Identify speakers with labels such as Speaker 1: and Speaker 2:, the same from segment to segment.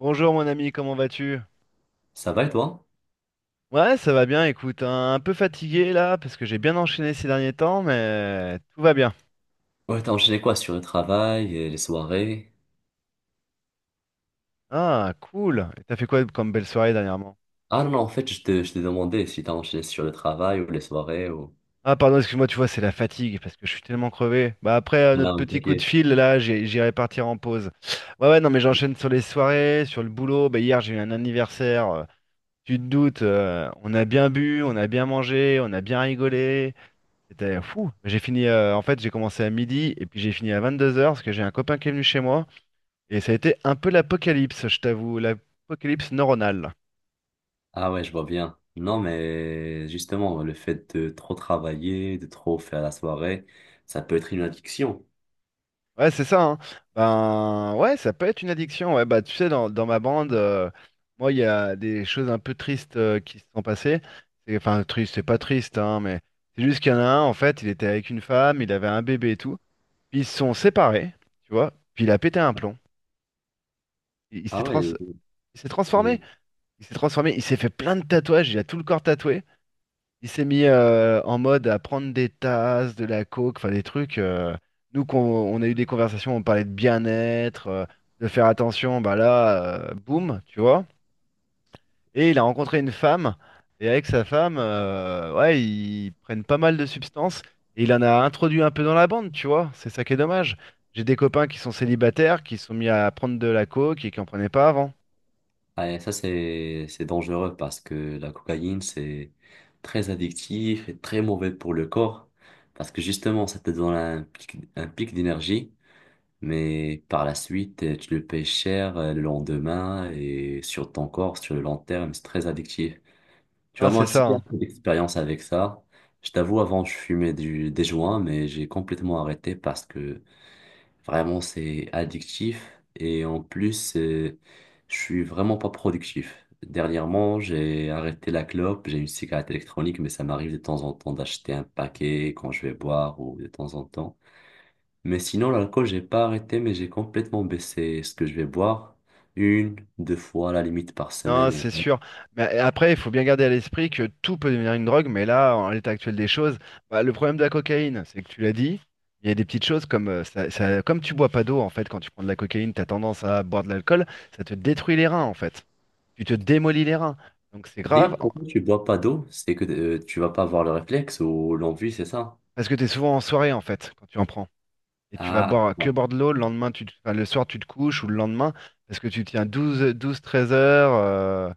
Speaker 1: Bonjour mon ami, comment vas-tu?
Speaker 2: Ça va et toi?
Speaker 1: Ouais, ça va bien, écoute, hein, un peu fatigué là, parce que j'ai bien enchaîné ces derniers temps, mais tout va bien.
Speaker 2: Ouais, t'as enchaîné quoi sur le travail et les soirées?
Speaker 1: Ah, cool. Et t'as fait quoi comme belle soirée dernièrement?
Speaker 2: Ah non, non, en fait, je te demandais si t'as enchaîné sur le travail ou les soirées ou...
Speaker 1: Ah, pardon, excuse-moi, tu vois, c'est la fatigue, parce que je suis tellement crevé. Bah après notre
Speaker 2: Là, on
Speaker 1: petit coup de
Speaker 2: t'inquiète.
Speaker 1: fil, là, j'irai partir en pause. Ouais, ouais, non, mais j'enchaîne sur les soirées, sur le boulot. Bah hier, j'ai eu un anniversaire, tu te doutes, on a bien bu, on a bien mangé, on a bien rigolé. C'était fou. J'ai fini, en fait, j'ai commencé à midi et puis j'ai fini à 22 heures parce que j'ai un copain qui est venu chez moi et ça a été un peu l'apocalypse, je t'avoue, l'apocalypse neuronale.
Speaker 2: Ah ouais, je vois bien. Non, mais justement, le fait de trop travailler, de trop faire la soirée, ça peut être une addiction.
Speaker 1: Ouais, c'est ça, hein. Ben, ouais, ça peut être une addiction. Ouais, bah, tu sais, dans ma bande, moi, il y a des choses un peu tristes qui se sont passées. Enfin, triste, c'est pas triste, hein, mais c'est juste qu'il y en a un, en fait, il était avec une femme, il avait un bébé et tout. Puis ils se sont séparés, tu vois, puis il a pété un plomb. Il, il s'est
Speaker 2: Ah
Speaker 1: trans-
Speaker 2: ouais,
Speaker 1: il s'est
Speaker 2: euh,
Speaker 1: transformé. Il s'est transformé, il s'est fait plein de tatouages, il a tout le corps tatoué. Il s'est mis en mode à prendre des tasses, de la coke, enfin des trucs. Nous, on a eu des conversations, on parlait de bien-être, de faire attention, bah là, boum, tu vois. Et il a rencontré une femme, et avec sa femme, ouais, ils prennent pas mal de substances, et il en a introduit un peu dans la bande, tu vois. C'est ça qui est dommage. J'ai des copains qui sont célibataires, qui se sont mis à prendre de la coke et qui en prenaient pas avant.
Speaker 2: ah, et ça c'est dangereux parce que la cocaïne c'est très addictif et très mauvais pour le corps parce que justement ça te donne un pic d'énergie. Mais par la suite, tu le payes cher, le lendemain et sur ton corps, sur le long terme, c'est très addictif. Tu
Speaker 1: Non,
Speaker 2: vois, moi
Speaker 1: c'est
Speaker 2: aussi,
Speaker 1: ça,
Speaker 2: j'ai un
Speaker 1: hein.
Speaker 2: peu d'expérience avec ça. Je t'avoue, avant, je fumais des joints, mais j'ai complètement arrêté parce que vraiment, c'est addictif. Et en plus, je suis vraiment pas productif. Dernièrement, j'ai arrêté la clope, j'ai une cigarette électronique, mais ça m'arrive de temps en temps d'acheter un paquet quand je vais boire ou de temps en temps. Mais sinon, l'alcool, j'ai pas arrêté, mais j'ai complètement baissé ce que je vais boire. Une, deux fois à la limite par semaine.
Speaker 1: Non,
Speaker 2: Et
Speaker 1: c'est
Speaker 2: voilà.
Speaker 1: sûr. Mais après, il faut bien garder à l'esprit que tout peut devenir une drogue, mais là, en l'état actuel des choses, bah, le problème de la cocaïne, c'est que tu l'as dit, il y a des petites choses comme ça, comme tu bois pas d'eau, en fait, quand tu prends de la cocaïne, tu as tendance à boire de l'alcool, ça te détruit les reins, en fait. Tu te démolis les reins. Donc c'est
Speaker 2: D'ailleurs,
Speaker 1: grave, en-
Speaker 2: pourquoi tu bois pas d'eau? C'est que tu vas pas avoir le réflexe ou l'envie, c'est ça?
Speaker 1: Parce que tu es souvent en soirée, en fait, quand tu en prends. Et tu vas
Speaker 2: Ah,
Speaker 1: boire que
Speaker 2: bon.
Speaker 1: boire de l'eau, le lendemain, enfin, le soir, tu te couches, ou le lendemain, parce que tu tiens 12, 13 heures,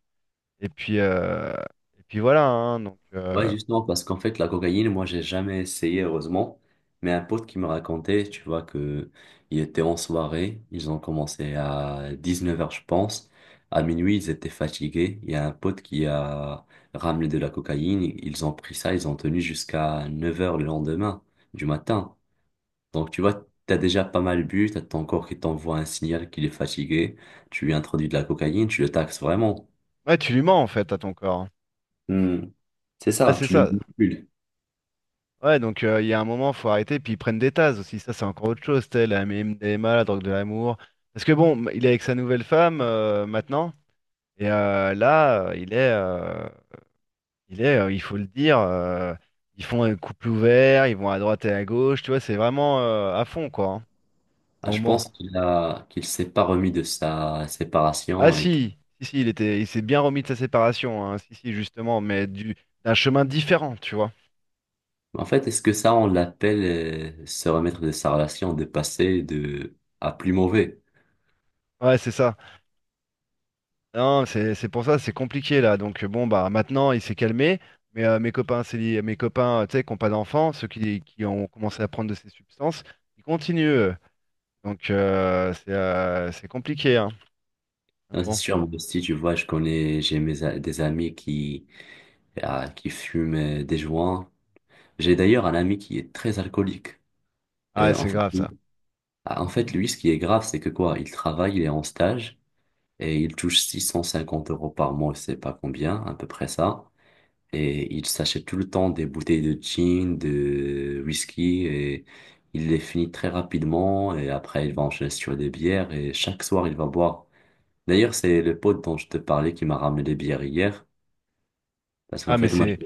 Speaker 1: et puis, euh, et puis voilà, hein, donc.
Speaker 2: Ouais,
Speaker 1: euh,
Speaker 2: justement, parce qu'en fait, la cocaïne, moi, j'ai jamais essayé, heureusement. Mais un pote qui me racontait, tu vois, que il était en soirée, ils ont commencé à 19 h, je pense. À minuit, ils étaient fatigués. Il y a un pote qui a ramené de la cocaïne. Ils ont pris ça, ils ont tenu jusqu'à 9 h le lendemain du matin. Donc, tu vois, t'as déjà pas mal bu, t'as ton corps qui t'envoie un signal qu'il est fatigué. Tu lui introduis de la cocaïne, tu le taxes vraiment.
Speaker 1: Ouais, tu lui mens en fait à ton corps.
Speaker 2: Hmm. C'est
Speaker 1: Ah,
Speaker 2: ça,
Speaker 1: c'est
Speaker 2: tu le
Speaker 1: ça.
Speaker 2: manipules.
Speaker 1: Ouais, donc il y a un moment, faut arrêter, puis ils prennent des tases aussi. Ça, c'est encore autre chose, telle la MDMA, la drogue de l'amour. Parce que bon, il est avec sa nouvelle femme maintenant, et là, il faut le dire, ils font un couple ouvert, ils vont à droite et à gauche, tu vois, c'est vraiment à fond quoi, hein.
Speaker 2: Ah, je
Speaker 1: Donc bon,
Speaker 2: pense qu'il a, qu'il s'est pas remis de sa
Speaker 1: ah
Speaker 2: séparation et que-
Speaker 1: si, si, si, il était, il s'est bien remis de sa séparation, hein, si, si, justement, mais du d'un chemin différent, tu vois.
Speaker 2: En fait, est-ce que ça, on l'appelle se remettre de sa relation, de passer de à plus mauvais?
Speaker 1: Ouais, c'est ça. Non, c'est pour ça, c'est compliqué là. Donc bon bah maintenant il s'est calmé, mais mes copains tu sais qui n'ont pas d'enfants, qui ont commencé à prendre de ces substances, ils continuent eux. Donc c'est compliqué hein. Donc,
Speaker 2: Non, c'est
Speaker 1: bon,
Speaker 2: sûr, moi aussi, tu vois, je connais, j'ai mes, a- des amis qui, ah, qui fument des joints. J'ai d'ailleurs un ami qui est très alcoolique.
Speaker 1: ah
Speaker 2: En
Speaker 1: c'est
Speaker 2: fait,
Speaker 1: grave
Speaker 2: lui-
Speaker 1: ça.
Speaker 2: ah, en fait, lui, ce qui est grave, c'est que quoi, il travaille, il est en stage et il touche 650 € par mois, je sais pas combien, à peu près ça. Et il s'achète tout le temps des bouteilles de gin, de whisky, et il les finit très rapidement. Et après, il va enchaîner sur des bières, et chaque soir, il va boire. D'ailleurs, c'est le pote dont je te parlais qui m'a ramené les bières hier. Parce qu'en
Speaker 1: Ah mais
Speaker 2: fait, moi,
Speaker 1: c'est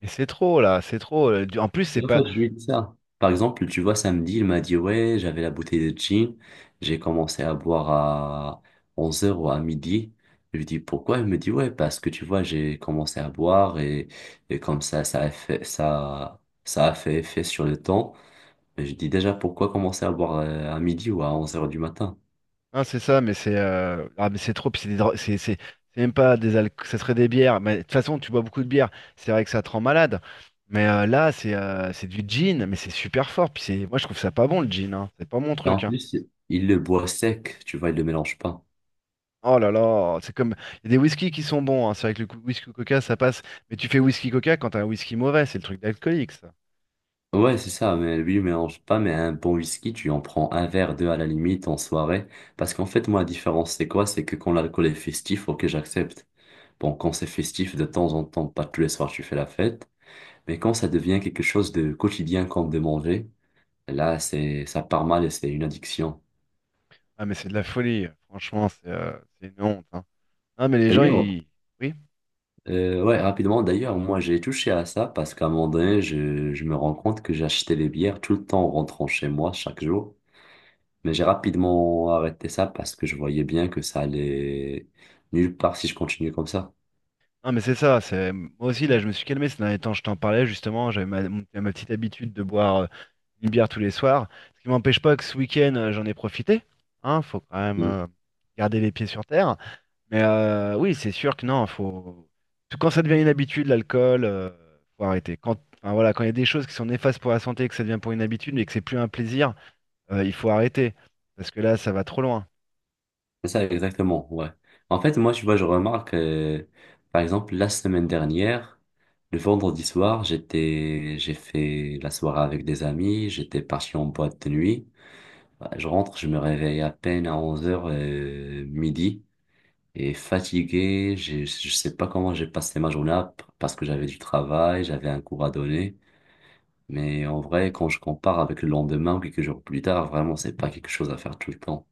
Speaker 1: mais c'est trop là, c'est trop. En plus c'est pas.
Speaker 2: c'est ça. Par exemple, tu vois, samedi, il m'a dit, ouais, j'avais la bouteille de gin, j'ai commencé à boire à 11 heures ou à midi. Je lui dis, pourquoi? Il me dit, ouais, parce que tu vois, j'ai commencé à boire et comme ça, ça a fait effet sur le temps. Mais je dis déjà, pourquoi commencer à boire à midi ou à 11 heures du matin?
Speaker 1: Ah, c'est ça, mais c'est ah, mais c'est trop, puis c'est des dro- c'est même pas des alcools, ça serait des bières. Mais de toute façon, tu bois beaucoup de bière, c'est vrai que ça te rend malade. Mais là, c'est du gin, mais c'est super fort. Puis c'est, moi, je trouve ça pas bon le gin, hein. C'est pas mon
Speaker 2: Et en
Speaker 1: truc, hein.
Speaker 2: plus, il le boit sec, tu vois, il le mélange pas.
Speaker 1: Oh là là, c'est comme il y a des whisky qui sont bons, hein. C'est vrai que whisky coca, ça passe. Mais tu fais whisky coca quand t'as un whisky mauvais, c'est le truc d'alcoolique, ça.
Speaker 2: Ouais, c'est ça, mais lui, mélange pas, mais un bon whisky, tu en prends un verre, deux à la limite en soirée. Parce qu'en fait, moi, la différence, c'est quoi? C'est que quand l'alcool est festif, ok, j'accepte. Bon, quand c'est festif, de temps en temps, pas tous les soirs, tu fais la fête. Mais quand ça devient quelque chose de quotidien, comme de manger, là, c'est, ça part mal et c'est une addiction.
Speaker 1: Ah, mais c'est de la folie. Franchement, c'est une honte, hein. Ah, mais les gens,
Speaker 2: D'ailleurs,
Speaker 1: ils, oui.
Speaker 2: ouais, rapidement, d'ailleurs, moi, j'ai touché à ça parce qu'à un moment donné, je me rends compte que j'achetais les bières tout le temps en rentrant chez moi, chaque jour. Mais j'ai rapidement arrêté ça parce que je voyais bien que ça allait nulle part si je continuais comme ça.
Speaker 1: Non, mais c'est ça, c'est moi aussi là je me suis calmé ces derniers temps, je t'en parlais justement, ma petite habitude de boire une bière tous les soirs, ce qui m'empêche pas que ce week-end j'en ai profité, hein, faut quand même
Speaker 2: Mm.
Speaker 1: garder les pieds sur terre, mais oui c'est sûr que non, faut, quand ça devient une habitude l'alcool, faut arrêter. Quand enfin, voilà, quand il y a des choses qui sont néfastes pour la santé, que ça devient pour une habitude et que c'est plus un plaisir, il faut arrêter, parce que là ça va trop loin.
Speaker 2: C'est ça, exactement, ouais. En fait, moi, tu vois, je remarque, par exemple, la semaine dernière, le vendredi soir, j'ai fait la soirée avec des amis, j'étais parti en boîte de nuit. Bah, je rentre, je me réveille à peine à 11 heures midi, et fatigué, j'ai- je sais pas comment j'ai passé ma journée, parce que j'avais du travail, j'avais un cours à donner. Mais en vrai, quand je compare avec le lendemain ou quelques jours plus tard, vraiment, c'est pas quelque chose à faire tout le temps.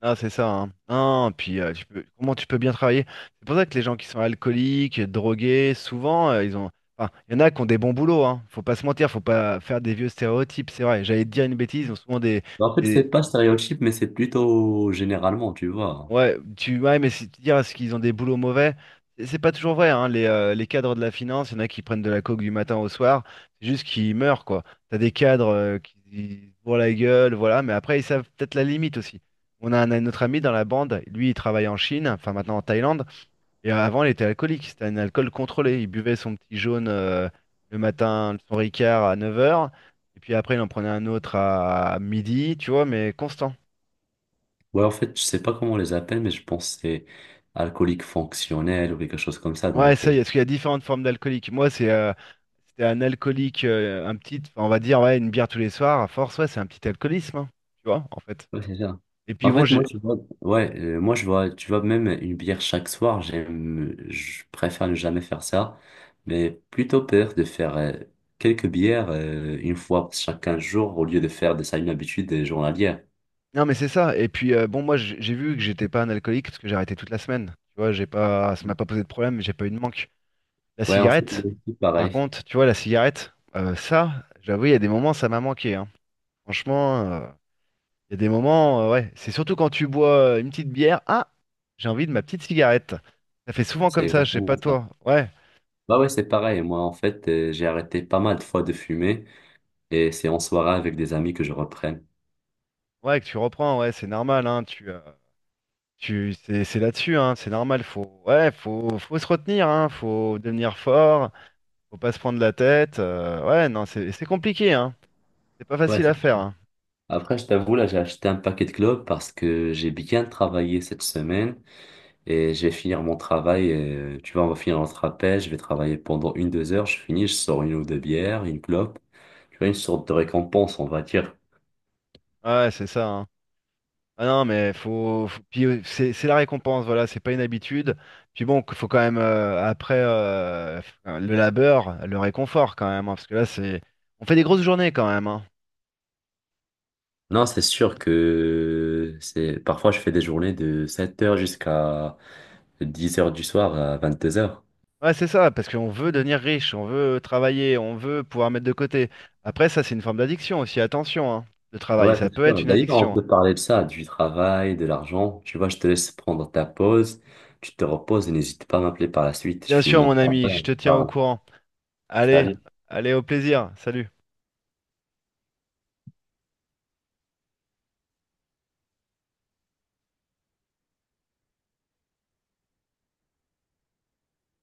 Speaker 1: Ah, c'est ça, hein. Ah, puis tu peux, comment tu peux bien travailler? C'est pour ça que les gens qui sont alcooliques, drogués, souvent, ils ont. Enfin, il y en a qui ont des bons boulots, hein. Faut pas se mentir, faut pas faire des vieux stéréotypes, c'est vrai. J'allais te dire une bêtise, ils ont souvent des,
Speaker 2: En fait, c'est
Speaker 1: des,
Speaker 2: pas stéréotype, mais c'est plutôt généralement, tu vois.
Speaker 1: ouais, ouais, mais c'est tu dis est-ce qu'ils ont des boulots mauvais, c'est pas toujours vrai, hein, les cadres de la finance, il y en a qui prennent de la coke du matin au soir, c'est juste qu'ils meurent, quoi. T'as des cadres qui se bourrent la gueule, voilà, mais après, ils savent peut-être la limite aussi. On a un autre ami dans la bande, lui, il travaille en Chine, enfin maintenant en Thaïlande, et avant, il était alcoolique, c'était un alcool contrôlé. Il buvait son petit jaune le matin, son Ricard à neuf heures, et puis après, il en prenait un autre à midi, tu vois, mais constant.
Speaker 2: Ouais, en fait, je sais pas comment on les appelle, mais je pense que c'est alcoolique fonctionnel ou quelque chose comme ça,
Speaker 1: Ouais,
Speaker 2: donc...
Speaker 1: ça y est, parce qu'il y a différentes formes d'alcoolique. Moi, c'était un alcoolique, un petit, enfin, on va dire, ouais, une bière tous les soirs, à force, ouais, c'est un petit alcoolisme, hein, tu vois, en fait.
Speaker 2: ouais, c'est ça.
Speaker 1: Et puis
Speaker 2: En
Speaker 1: bon,
Speaker 2: fait, moi,
Speaker 1: j'ai.
Speaker 2: je vois... Ouais, moi, je vois, tu vois, même une bière chaque soir, j'aime... Je préfère ne jamais faire ça, mais plutôt peur de faire quelques bières une fois chaque 15 jours au lieu de faire de ça une habitude journalière.
Speaker 1: Non, mais c'est ça. Et puis bon, moi, j'ai vu que j'étais pas un alcoolique parce que j'ai arrêté toute la semaine. Tu vois, j'ai pas, ça m'a pas posé de problème, j'ai pas eu de manque. La
Speaker 2: Ouais, en fait,
Speaker 1: cigarette,
Speaker 2: moi aussi,
Speaker 1: par
Speaker 2: pareil.
Speaker 1: contre, tu vois, la cigarette, ça, j'avoue, il y a des moments, ça m'a manqué, hein. Franchement, il y a des moments, ouais, c'est surtout quand tu bois une petite bière. Ah, j'ai envie de ma petite cigarette. Ça fait souvent
Speaker 2: C'est
Speaker 1: comme ça, je sais
Speaker 2: exactement
Speaker 1: pas
Speaker 2: ça.
Speaker 1: toi. Ouais,
Speaker 2: Bah ouais, c'est pareil. Moi, en fait, j'ai arrêté pas mal de fois de fumer et c'est en soirée avec des amis que je reprenne.
Speaker 1: ouais, que tu reprends, ouais, c'est normal, hein, c'est là-dessus, hein, c'est normal, faut, ouais, faut se retenir, hein, faut devenir fort, faut pas se prendre la tête. Ouais, non, c'est compliqué, hein, c'est pas
Speaker 2: Ouais,
Speaker 1: facile à
Speaker 2: c'est
Speaker 1: faire,
Speaker 2: sûr.
Speaker 1: hein.
Speaker 2: Après, je t'avoue, là, j'ai acheté un paquet de clopes parce que j'ai bien travaillé cette semaine et je vais finir mon travail. Tu vois, on va finir notre appel. Je vais travailler pendant une, deux heures. Je finis, je sors une ou deux bières, une clope. Tu vois, une sorte de récompense, on va dire.
Speaker 1: Ouais, c'est ça, hein. Ah non, mais puis c'est la récompense, voilà, c'est pas une habitude. Puis bon, faut quand même le labeur, le réconfort quand même, hein, parce que là, c'est, on fait des grosses journées quand même, hein.
Speaker 2: Non, c'est sûr que c'est parfois je fais des journées de 7 heures jusqu'à 10 heures du soir à 22 heures.
Speaker 1: Ouais, c'est ça, parce qu'on veut devenir riche, on veut travailler, on veut pouvoir mettre de côté. Après, ça, c'est une forme d'addiction aussi, attention, hein, le
Speaker 2: Ouais,
Speaker 1: travail,
Speaker 2: ouais, c'est
Speaker 1: ça peut être
Speaker 2: sûr.
Speaker 1: une
Speaker 2: D'ailleurs, on
Speaker 1: addiction.
Speaker 2: peut parler de ça, du travail, de l'argent. Tu vois, je te laisse prendre ta pause, tu te reposes et n'hésite pas à m'appeler par la suite. Je
Speaker 1: Bien
Speaker 2: finis
Speaker 1: sûr,
Speaker 2: mon
Speaker 1: mon ami,
Speaker 2: travail,
Speaker 1: je
Speaker 2: on
Speaker 1: te
Speaker 2: se
Speaker 1: tiens au
Speaker 2: parle.
Speaker 1: courant. Allez,
Speaker 2: Salut.
Speaker 1: allez, au plaisir, salut.